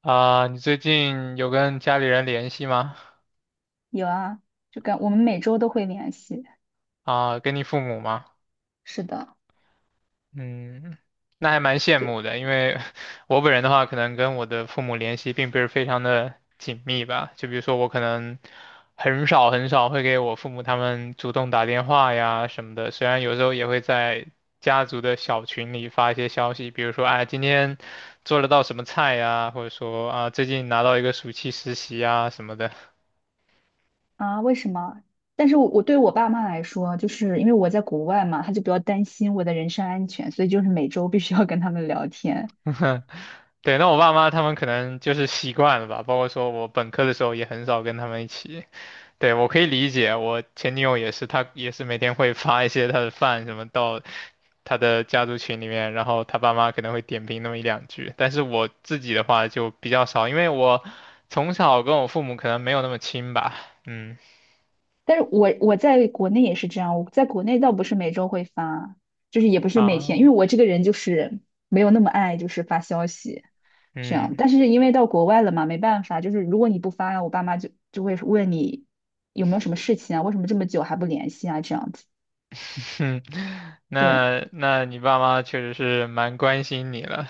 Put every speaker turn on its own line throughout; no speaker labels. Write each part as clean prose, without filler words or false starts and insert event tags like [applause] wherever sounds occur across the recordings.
啊，你最近有跟家里人联系吗？
有啊，就跟我们每周都会联系。
啊，跟你父母吗？
是的。
嗯，那还蛮羡
就
慕的，因为 [laughs] 我本人的话，可能跟我的父母联系并不是非常的紧密吧。就比如说，我可能很少会给我父母他们主动打电话呀什么的，虽然有时候也会在家族的小群里发一些消息，比如说，哎，今天做了道什么菜呀，或者说啊，最近拿到一个暑期实习啊什么的。
啊，为什么？但是我对我爸妈来说，就是因为我在国外嘛，他就比较担心我的人身安全，所以就是每周必须要跟他们聊天。
[laughs] 对，那我爸妈他们可能就是习惯了吧，包括说我本科的时候也很少跟他们一起。对，我可以理解，我前女友也是，她也是每天会发一些她的饭什么到她的家族群里面，然后她爸妈可能会点评那么一两句。但是我自己的话就比较少，因为我从小跟我父母可能没有那么亲吧。嗯，
但是我在国内也是这样，我在国内倒不是每周会发，就是也不是每天，因
啊，
为我这个人就是没有那么爱就是发消息这样。
嗯，
但是因为到国外了嘛，没办法，就是如果你不发，我爸妈就会问你有没有什么事情啊，为什么这么久还不联系啊这样子。
[laughs] 哼。
对
那你爸妈确实是蛮关心你了，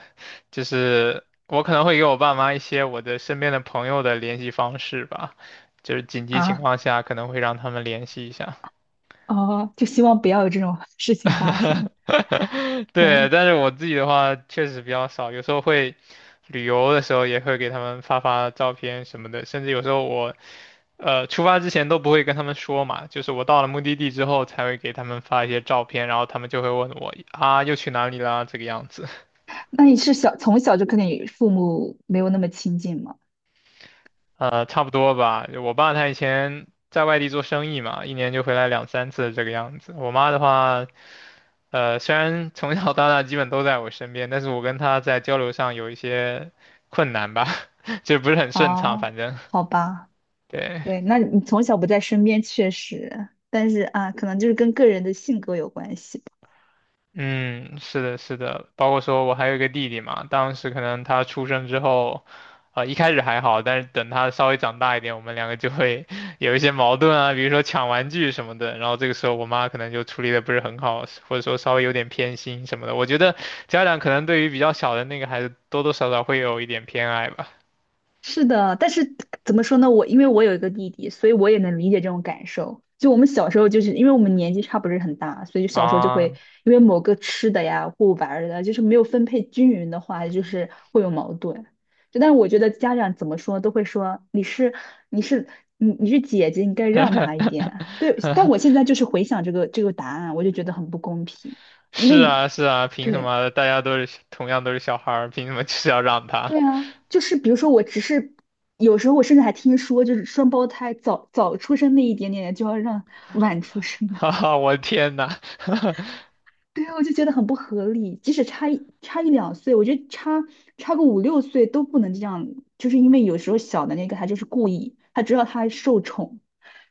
就是我可能会给我爸妈一些我的身边的朋友的联系方式吧，就是紧急情
啊，
况下可能会让他们联系一下。
哦，就希望不要有这种 [laughs] 事情发生。
[laughs] 对，
对，
但是我自己的话确实比较少，有时候会旅游的时候也会给他们发发照片什么的，甚至有时候我出发之前都不会跟他们说嘛，就是我到了目的地之后才会给他们发一些照片，然后他们就会问我啊又去哪里啦这个样子。
那你是从小就跟你父母没有那么亲近吗？
差不多吧。我爸他以前在外地做生意嘛，一年就回来两三次这个样子。我妈的话，虽然从小到大基本都在我身边，但是我跟她在交流上有一些困难吧，[laughs] 就不是很顺畅，
哦，
反正
好吧，
对。
对，那你从小不在身边确实，但是啊，可能就是跟个人的性格有关系。
嗯，是的，是的，包括说我还有一个弟弟嘛，当时可能他出生之后，一开始还好，但是等他稍微长大一点，我们两个就会 [laughs] 有一些矛盾啊，比如说抢玩具什么的，然后这个时候我妈可能就处理的不是很好，或者说稍微有点偏心什么的。我觉得家长可能对于比较小的那个孩子，多多少少会有一点偏爱吧。
是的，但是怎么说呢？我因为我有一个弟弟，所以我也能理解这种感受。就我们小时候，就是因为我们年纪差不是很大，所以就小时候就会
啊，
因为某个吃的呀或玩儿的，就是没有分配均匀的话，就是会有矛盾。就但是我觉得家长怎么说都会说你是你是姐姐，你该让他一点。对，但我现
[laughs]
在就是回想这个答案，我就觉得很不公平，因
是
为你
啊，是啊，凭什
对。
么大家都是同样都是小孩儿，凭什么就是要让他？
对啊，就是比如说，我只是有时候我甚至还听说，就是双胞胎早早出生那一点点就要让晚出生
[laughs]
的，
哈哈，我天呐！[laughs]
[laughs] 对啊，我就觉得很不合理。即使差两岁，我觉得差个五六岁都不能这样，就是因为有时候小的那个他就是故意，他知道他受宠，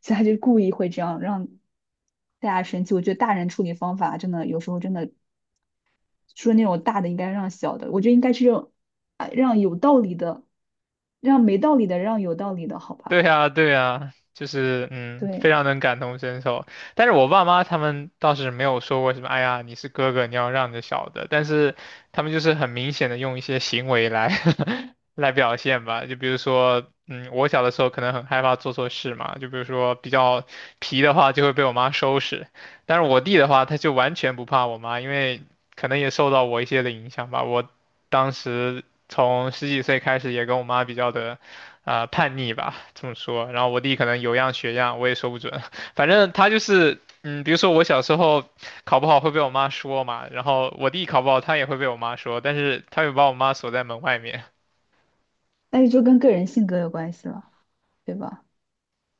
所以他就故意会这样让大家生气。我觉得大人处理方法真的有时候真的说那种大的应该让小的，我觉得应该是让啊让有道理的，让没道理的让有道理的，好
对
吧？
呀，对呀，就是嗯，非
对，
常能感同身受。但是我爸妈他们倒是没有说过什么，哎呀，你是哥哥，你要让着小的。但是他们就是很明显的用一些行为来 [laughs] 来表现吧，就比如说，嗯，我小的时候可能很害怕做错事嘛，就比如说比较皮的话就会被我妈收拾，但是我弟的话他就完全不怕我妈，因为可能也受到我一些的影响吧。我当时从十几岁开始也跟我妈比较的。啊、叛逆吧，这么说？然后我弟可能有样学样，我也说不准。[laughs] 反正他就是，嗯，比如说我小时候考不好会被我妈说嘛，然后我弟考不好他也会被我妈说，但是他会把我妈锁在门外面。
但是就跟个人性格有关系了，对吧？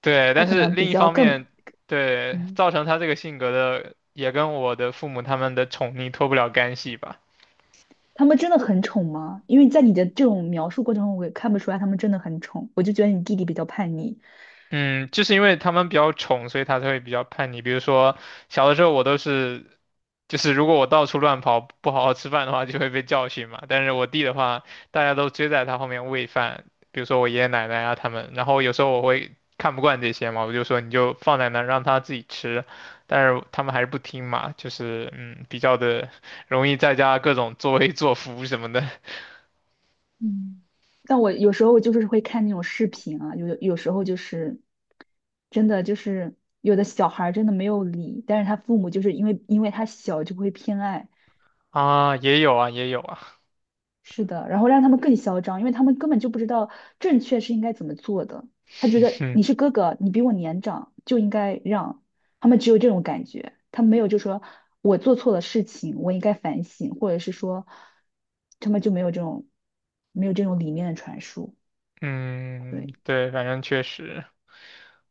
对，
他
但
可
是
能比
另一
较
方
更
面，对，
嗯，
造成他这个性格的也跟我的父母他们的宠溺脱不了干系吧。
他们真的很宠吗？因为在你的这种描述过程中，我也看不出来他们真的很宠，我就觉得你弟弟比较叛逆。
嗯，就是因为他们比较宠，所以他才会比较叛逆。比如说，小的时候我都是，就是如果我到处乱跑，不好好吃饭的话，就会被教训嘛。但是我弟的话，大家都追在他后面喂饭，比如说我爷爷奶奶啊他们。然后有时候我会看不惯这些嘛，我就说你就放在那儿让他自己吃，但是他们还是不听嘛，就是嗯，比较的容易在家各种作威作福什么的
嗯，但我有时候就是会看那种视频啊，有时候就是真的就是有的小孩儿真的没有理，但是他父母就是因为他小就会偏爱，
[laughs] 啊，也有啊，也有啊，
是的，然后让他们更嚣张，因为他们根本就不知道正确是应该怎么做的。他觉
[laughs]
得
嗯
你是哥哥，你比我年长，就应该让。他们只有这种感觉，他们没有就说我做错了事情，我应该反省，或者是说他们就没有这种理念的传输。
嗯，
对
对，反正确实。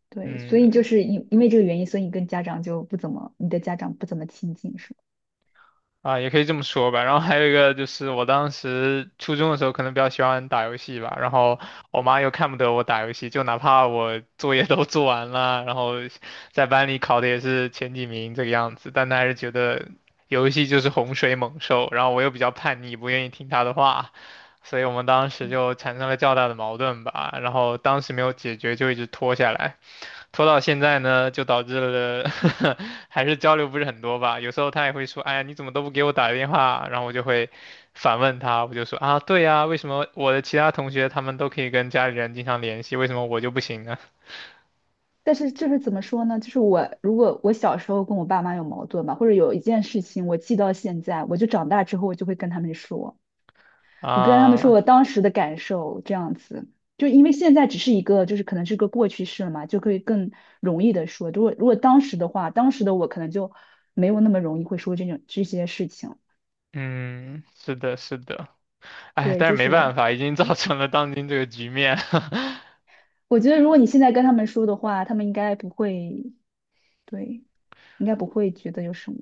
对，所以就
嗯，
是因为这个原因，所以你跟家长就不怎么，你的家长不怎么亲近，是吗？
啊，也可以这么说吧。然后还有一个就是，我当时初中的时候可能比较喜欢打游戏吧，然后我妈又看不得我打游戏，就哪怕我作业都做完了，然后在班里考的也是前几名这个样子，但她还是觉得游戏就是洪水猛兽，然后我又比较叛逆，不愿意听她的话，所以我们当时就产生了较大的矛盾吧。然后当时没有解决，就一直拖下来。拖到现在呢，就导致了呵呵 [laughs] 还是交流不是很多吧。有时候他也会说：“哎呀，你怎么都不给我打个电话？”然后我就会反问他，我就说：“啊，对呀，为什么我的其他同学他们都可以跟家里人经常联系，为什么我就不行呢？”
但是就是怎么说呢？就是我如果我小时候跟我爸妈有矛盾吧，或者有一件事情我记到现在，我就长大之后我就会跟他们说，我跟他们说
啊，
我当时的感受这样子，就因为现在只是一个就是可能是个过去式了嘛，就可以更容易的说。如果当时的话，当时的我可能就没有那么容易会说这些事情。
嗯，是的，是的，哎，
对，
但是
就
没
是
办法，已经造成了当今这个局面。[laughs]
我觉得如果你现在跟他们说的话，他们应该不会，对，应该不会觉得有什么。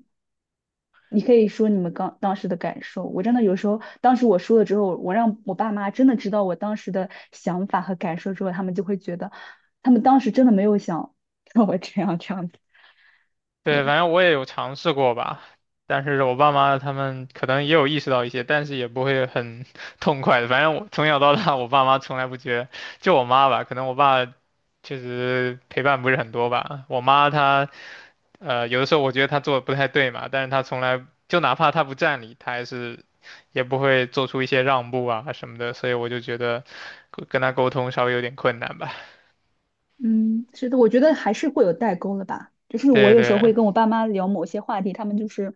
你可以说你们刚当时的感受。我真的有时候，当时我说了之后，我让我爸妈真的知道我当时的想法和感受之后，他们就会觉得，他们当时真的没有想让我这样子。
对，
对。
反正我也有尝试过吧，但是我爸妈他们可能也有意识到一些，但是也不会很 [laughs] 痛快的。反正我从小到大，我爸妈从来不觉得，就我妈吧，可能我爸确实陪伴不是很多吧。我妈她有的时候我觉得她做的不太对嘛，但是她从来就哪怕她不占理，她还是也不会做出一些让步啊什么的，所以我就觉得跟她沟通稍微有点困难吧。[laughs]
嗯，是的，我觉得还是会有代沟了吧。就是我
对
有时候会
对，
跟我爸妈聊某些话题，他们就是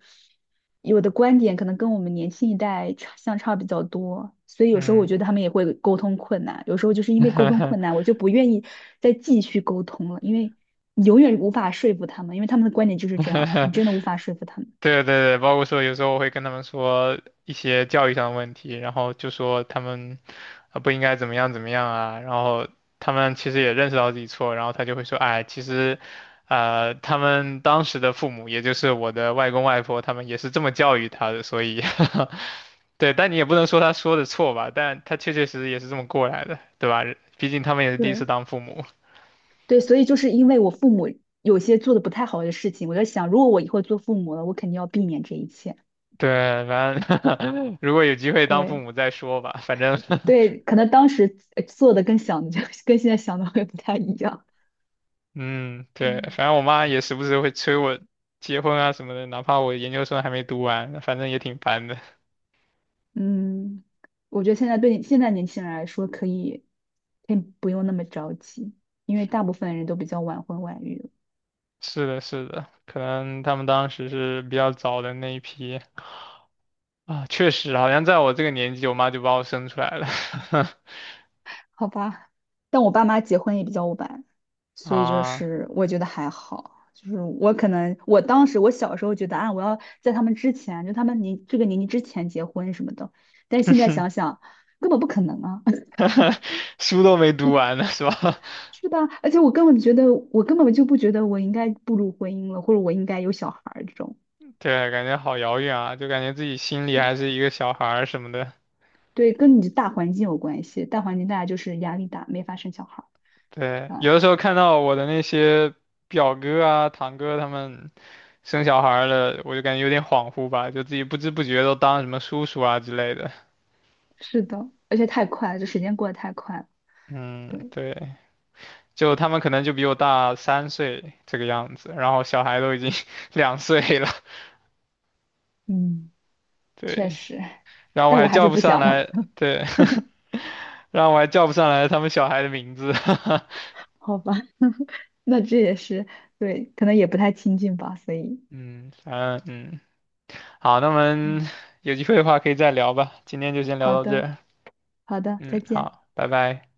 有的观点可能跟我们年轻一代相差比较多，所以有时候我
嗯。
觉得他们也会沟通困难。有时候就是因为沟通困难，我
[laughs]
就不愿意再继续沟通了，因为你永远无法说服他们，因为他们的观点就是这样，你真的无法说服他们。
对对对，包括说有时候我会跟他们说一些教育上的问题，然后就说他们啊不应该怎么样怎么样啊，然后他们其实也认识到自己错，然后他就会说，哎，其实，他们当时的父母，也就是我的外公外婆，他们也是这么教育他的，所以，[laughs] 对，但你也不能说他说的错吧，但他确确实实也是这么过来的，对吧？毕竟他们也是第一次
对
当父母，
对，所以就是因为我父母有些做的不太好的事情，我在想，如果我以后做父母了，我肯定要避免这一切。
[laughs] 对，反正 [laughs] 如果有机会当父
对。
母再说吧，反正 [laughs]
对，可能当时做的跟想的就 [laughs] 跟现在想的会不太一样。
嗯，对，
嗯，
反正我妈也时不时会催我结婚啊什么的，哪怕我研究生还没读完，反正也挺烦的。
嗯，我觉得现在对现在年轻人来说，可以不用那么着急，因为大部分人都比较晚婚晚育了
[laughs] 是的，是的，可能他们当时是比较早的那一批啊，确实，好像在我这个年纪，我妈就把我生出来了
好吧？但我爸妈结婚也比较晚，
[laughs]
所以就
啊，
是我觉得还好。就是我可能我当时我小时候觉得啊，我要在他们之前，就他们年这个年纪之前结婚什么的，但是现在
[laughs]
想想根本不可能啊。
书都没读完
[laughs]
呢，[laughs] 是吧？
是的，而且我根本觉得，我根本就不觉得我应该步入婚姻了，或者我应该有小孩儿这种。
[laughs] 对，感觉好遥远啊，就感觉自己心里
是
还是一个小孩儿什么的。
对，跟你的大环境有关系，大环境大家就是压力大，没法生小孩
对，
儿。啊，
有的时候看到我的那些表哥啊、堂哥他们。生小孩了，我就感觉有点恍惚吧，就自己不知不觉都当什么叔叔啊之类的。
是的，而且太快了，这时间过得太快了。
嗯，
对，
对，就他们可能就比我大3岁这个样子，然后小孩都已经 [laughs] 2岁了，
嗯，确
对，
实，
然后我
但我
还
还
叫
是
不
不
上
想了。
来，对，
[laughs]
[laughs] 然后我还叫不上来他们小孩的名字。
好吧，[laughs] 那这也是，对，可能也不太亲近吧，所以，
[laughs] 嗯，反正嗯，好，那我们
对，
有机会的话可以再聊吧，今天就先聊
好
到这
的，
儿
好的，再
嗯，
见。
好，拜拜。